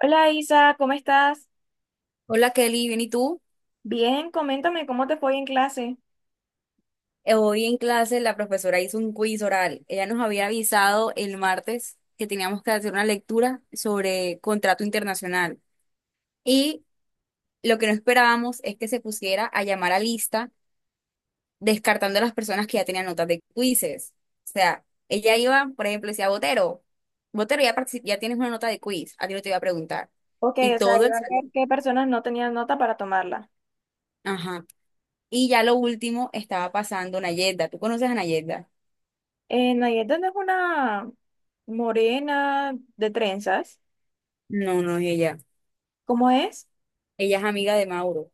Hola Isa, ¿cómo estás? Hola Kelly, bien, ¿y tú? Bien, coméntame cómo te fue en clase. Hoy en clase la profesora hizo un quiz oral. Ella nos había avisado el martes que teníamos que hacer una lectura sobre contrato internacional. Y lo que no esperábamos es que se pusiera a llamar a lista descartando a las personas que ya tenían notas de quizzes. O sea, ella iba, por ejemplo, decía, Botero, Botero, ya, ya tienes una nota de quiz, a ti no te iba a preguntar. Ok, Y o sea, todo el iba a ver salón. qué personas no tenían nota para tomarla. Ajá. Y ya lo último estaba pasando Nayenda. ¿Tú conoces a Nayenda? Nayeta no es una morena de trenzas, No, no es ella. ¿cómo es? Ella es amiga de Mauro.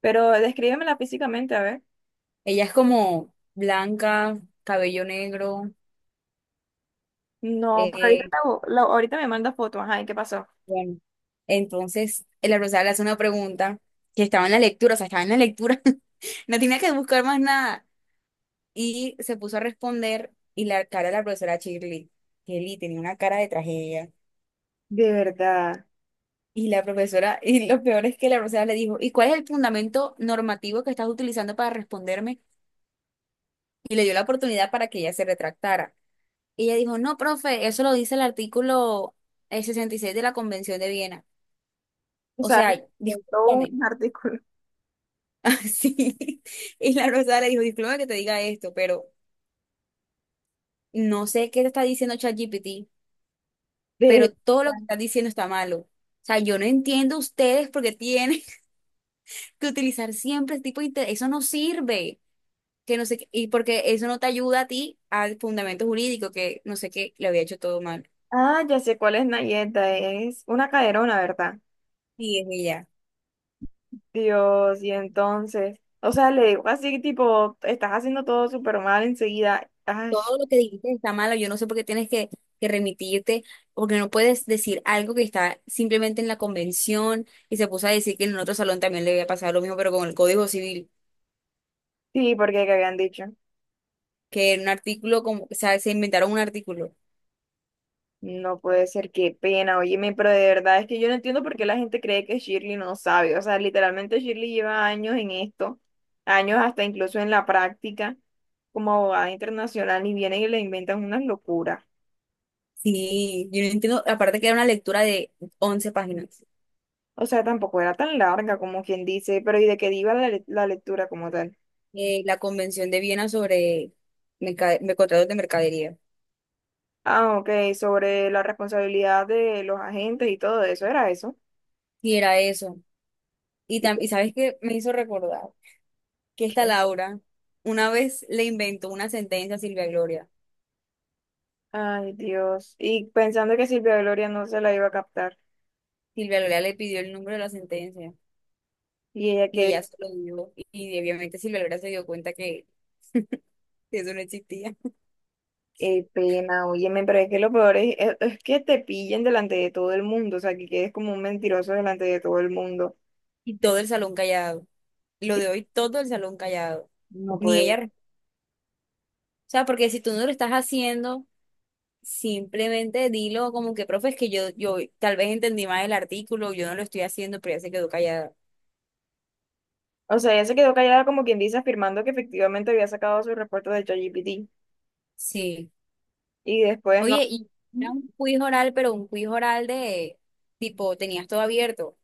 Pero descríbemela físicamente, a ver. Ella es como blanca, cabello negro. No, pues ahorita, eh, ahorita me manda foto, ajá, ¿y qué pasó? bueno, entonces la profesora le hace una pregunta que estaba en la lectura, o sea, estaba en la lectura, no tenía que buscar más nada. Y se puso a responder y la cara de la profesora Shirley, Shirley tenía una cara de tragedia. De verdad. Y la profesora, y lo peor es que la profesora le dijo, ¿y cuál es el fundamento normativo que estás utilizando para responderme? Y le dio la oportunidad para que ella se retractara. Y ella dijo, no, profe, eso lo dice el artículo 66 de la Convención de Viena. O O sea, sea, inventó discúlpame. un artículo. Así. Y la Rosada le dijo, discúlpame que te diga esto, pero no sé qué te está diciendo ChatGPT, De verdad. pero todo lo que estás diciendo está malo. O sea, yo no entiendo ustedes porque tienen que utilizar siempre este tipo de... inte- eso no sirve. Que no sé qué, y porque eso no te ayuda a ti al fundamento jurídico, que no sé qué, le había hecho todo mal. Ah, ya sé cuál es Nayeta, es una caderona, ¿verdad? Y es ella. Dios, y entonces, o sea, le digo así, tipo, estás haciendo todo súper mal enseguida. Ay, Todo lo que dijiste está malo, yo no sé por qué tienes que remitirte, porque no puedes decir algo que está simplemente en la convención y se puso a decir que en otro salón también le había pasado lo mismo, pero con el Código Civil, sí, porque que habían dicho. que en un artículo, como, o sea, se inventaron un artículo. No puede ser, qué pena, óyeme, pero de verdad es que yo no entiendo por qué la gente cree que Shirley no sabe. O sea, literalmente Shirley lleva años en esto, años hasta incluso en la práctica como abogada internacional y vienen y le inventan unas locuras. Sí, yo no entiendo, aparte que era una lectura de 11 páginas, O sea, tampoco era tan larga como quien dice, pero ¿y de qué iba la lectura como tal? La Convención de Viena sobre contratos de mercadería, Ah, ok, sobre la responsabilidad de los agentes y todo eso, era eso. y era eso. Y Y como sabes qué me hizo recordar que esta que, Laura una vez le inventó una sentencia a Silvia Gloria. ay, Dios. Y pensando que Silvia Gloria no se la iba a captar. Silvia Lora le pidió el número de la sentencia Y ella, y qué, ella se lo dio. Y obviamente Silvia Lora se dio cuenta que eso no existía. qué pena, óyeme, pero es que lo peor es que te pillen delante de todo el mundo, o sea, que quedes como un mentiroso delante de todo el mundo. Y todo el salón callado. Lo Y de hoy, todo el salón callado. no Ni ella. puede. Re- O sea, porque si tú no lo estás haciendo, simplemente dilo como que, profe, es que yo tal vez entendí mal el artículo, yo no lo estoy haciendo, pero ella se quedó callada. O sea, ella se quedó callada como quien dice, afirmando que efectivamente había sacado su reporte de ChatGPT. Sí. Y después no. Oye, y era un quiz oral, pero un quiz oral de tipo, tenías todo abierto.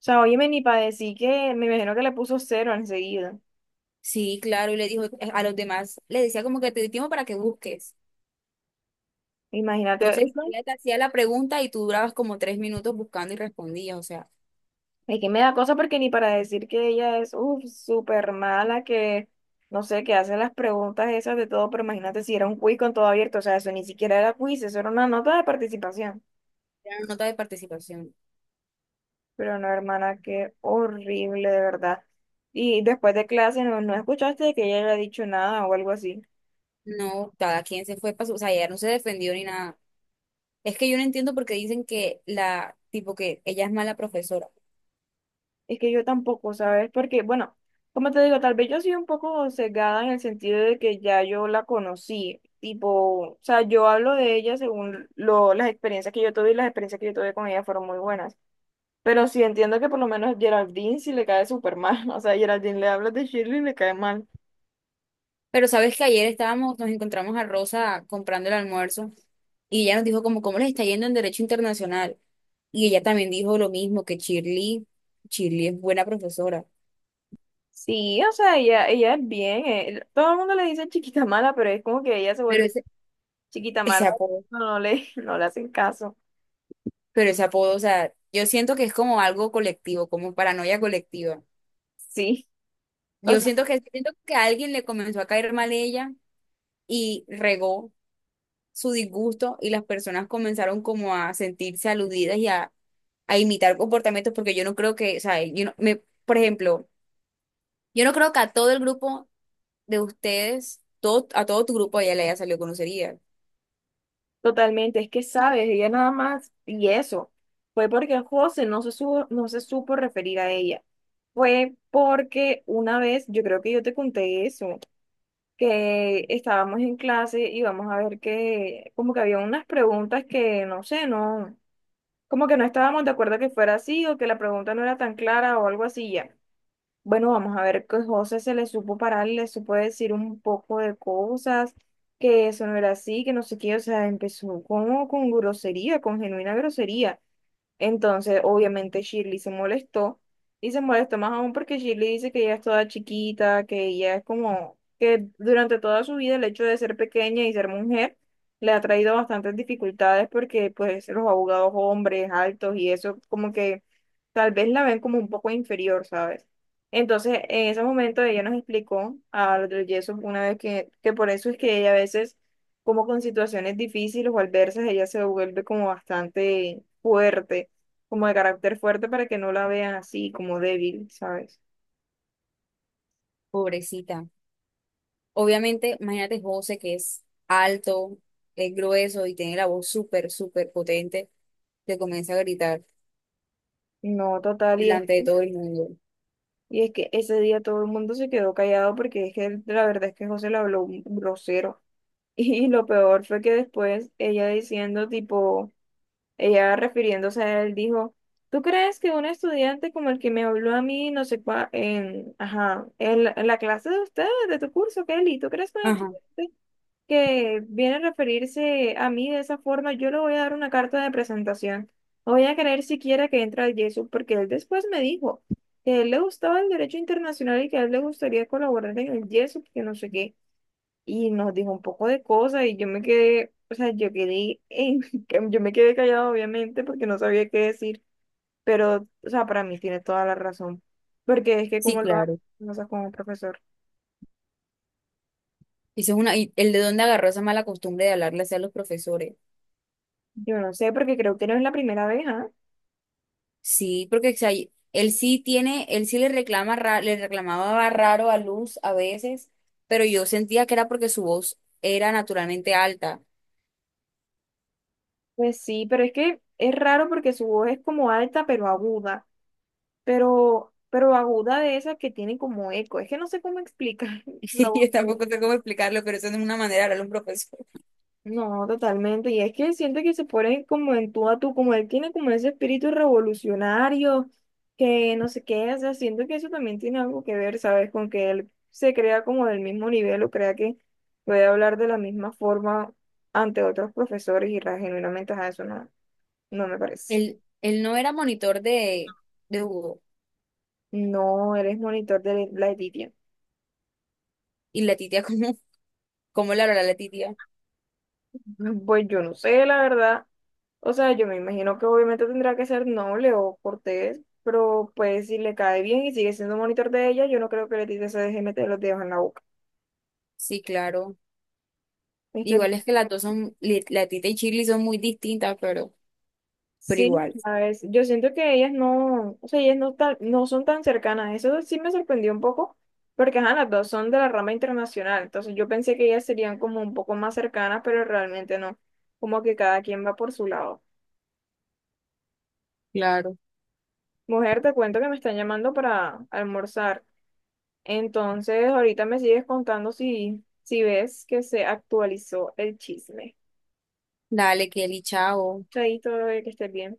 O sea, óyeme, ni para decir, que me imagino que le puso cero enseguida. Sí, claro, y le dijo a los demás, le decía como que te di tiempo para que busques. Imagínate. Entonces, ella te hacía la pregunta y tú durabas como 3 minutos buscando y respondías, o sea, Es que me da cosa porque ni para decir que ella es uf, súper mala, que no sé, que hace las preguntas esas de todo, pero imagínate, si era un quiz con todo abierto, o sea, eso ni siquiera era quiz, eso era una nota de participación. era una nota de participación. Pero no, hermana, qué horrible, de verdad. Y después de clase no, no escuchaste que ella haya dicho nada o algo así. No, cada quien se fue para su, o sea, ella no se defendió ni nada. Es que yo no entiendo por qué dicen que la, tipo que ella es mala profesora. Es que yo tampoco, ¿sabes? Porque, bueno, como te digo, tal vez yo soy un poco sesgada en el sentido de que ya yo la conocí, tipo, o sea, yo hablo de ella según lo, las experiencias que yo tuve, y las experiencias que yo tuve con ella fueron muy buenas. Pero sí entiendo que por lo menos Geraldine sí le cae súper mal, o sea, Geraldine, le hablas de Shirley y le cae mal. Pero sabes que ayer estábamos, nos encontramos a Rosa comprando el almuerzo y ella nos dijo como cómo les está yendo en Derecho Internacional. Y ella también dijo lo mismo, que Shirley, Shirley es buena profesora. Sí, o sea, ella es bien, todo el mundo le dice chiquita mala, pero es como que ella se Pero vuelve ese, chiquita ese mala, apodo. No le hacen caso. Pero ese apodo, o sea, yo siento que es como algo colectivo, como paranoia colectiva. Sí. Yo siento que a alguien le comenzó a caer mal ella y regó su disgusto y las personas comenzaron como a sentirse aludidas y a imitar comportamientos porque yo no creo que, o sea, yo no- me, por ejemplo, yo no creo que a todo el grupo de ustedes, todo, a todo tu grupo ella le haya salido grosería. Totalmente, es que sabes, ella nada más, y eso, fue porque José no se supo referir a ella. Fue porque una vez, yo creo que yo te conté eso, que estábamos en clase y vamos a ver que, como que había unas preguntas que, no sé, no, como que no estábamos de acuerdo que fuera así o que la pregunta no era tan clara o algo así ya. Bueno, vamos a ver, que José se le supo parar, le supo decir un poco de cosas, que eso no era así, que no sé qué, o sea, empezó como con grosería, con genuina grosería. Entonces, obviamente, Shirley se molestó y se molestó más aún porque Shirley dice que ella es toda chiquita, que ella es como que durante toda su vida el hecho de ser pequeña y ser mujer le ha traído bastantes dificultades porque pues los abogados hombres altos y eso como que tal vez la ven como un poco inferior, ¿sabes? Entonces, en ese momento ella nos explicó a los del yeso una vez que por eso es que ella a veces como con situaciones difíciles o adversas, ella se vuelve como bastante fuerte, como de carácter fuerte, para que no la vean así, como débil, ¿sabes? Pobrecita. Obviamente, imagínate José que es alto, es grueso y tiene la voz súper, súper potente, te comienza a gritar No, total, delante de todo el mundo. y es que ese día todo el mundo se quedó callado porque es que la verdad es que José le habló un grosero. Y lo peor fue que después ella diciendo, tipo, ella refiriéndose a él, dijo, ¿tú crees que un estudiante como el que me habló a mí, no sé cuál, en, ajá, la en la clase de ustedes, de tu curso, Kelly, ¿tú crees que un Ajá, estudiante que viene a referirse a mí de esa forma, yo le voy a dar una carta de presentación? No voy a creer siquiera que entre al Yesu, porque él después me dijo que a él le gustaba el derecho internacional y que a él le gustaría colaborar en el Yesu, que no sé qué. Y nos dijo un poco de cosas y yo me quedé, o sea, yo quedé en, yo me quedé callado obviamente porque no sabía qué decir, pero, o sea, para mí tiene toda la razón, porque es que sí, como lo hace claro. cosas con un profesor. Y eso es una, y el de dónde agarró esa mala costumbre de hablarle así a los profesores. Yo no sé, porque creo que no es la primera vez, ¿ah? Sí, porque o sea, él sí tiene, él sí le reclama, le reclamaba raro a Luz a veces, pero yo sentía que era porque su voz era naturalmente alta. Pues sí, pero es que es raro porque su voz es como alta pero aguda, pero aguda de esas que tienen como eco. Es que no sé cómo explicar la Y voz yo de tampoco ella. sé cómo explicarlo, pero eso no es una manera de hablarle a un profesor. No, totalmente. Y es que siente que se pone como en tú a tú, como él tiene como ese espíritu revolucionario, que no sé qué, o sea, siento que eso también tiene algo que ver, ¿sabes? Con que él se crea como del mismo nivel o crea que puede hablar de la misma forma ante otros profesores y genuinamente a eso no, no me parece. Él no era monitor de Hugo. No, eres monitor de la Editia. Y la titia, ¿cómo la hará la titia? Pues yo no sé, la verdad. O sea, yo me imagino que obviamente tendrá que ser noble o cortés, pero pues si le cae bien y sigue siendo monitor de ella, yo no creo que Letitia se deje meter los dedos en la boca. Sí, claro. Este, Igual es que las dos son, la titia y Shirley son muy distintas, pero sí, igual. ¿sabes? Yo siento que ellas no, o sea, ellas no, tan- no son tan cercanas. Eso sí me sorprendió un poco, porque ajá, las dos son de la rama internacional. Entonces yo pensé que ellas serían como un poco más cercanas, pero realmente no. Como que cada quien va por su lado. Claro. Mujer, te cuento que me están llamando para almorzar. Entonces, ahorita me sigues contando si, si ves que se actualizó el chisme. Dale, Kelly, chao. Chaito, bebé, que estés bien.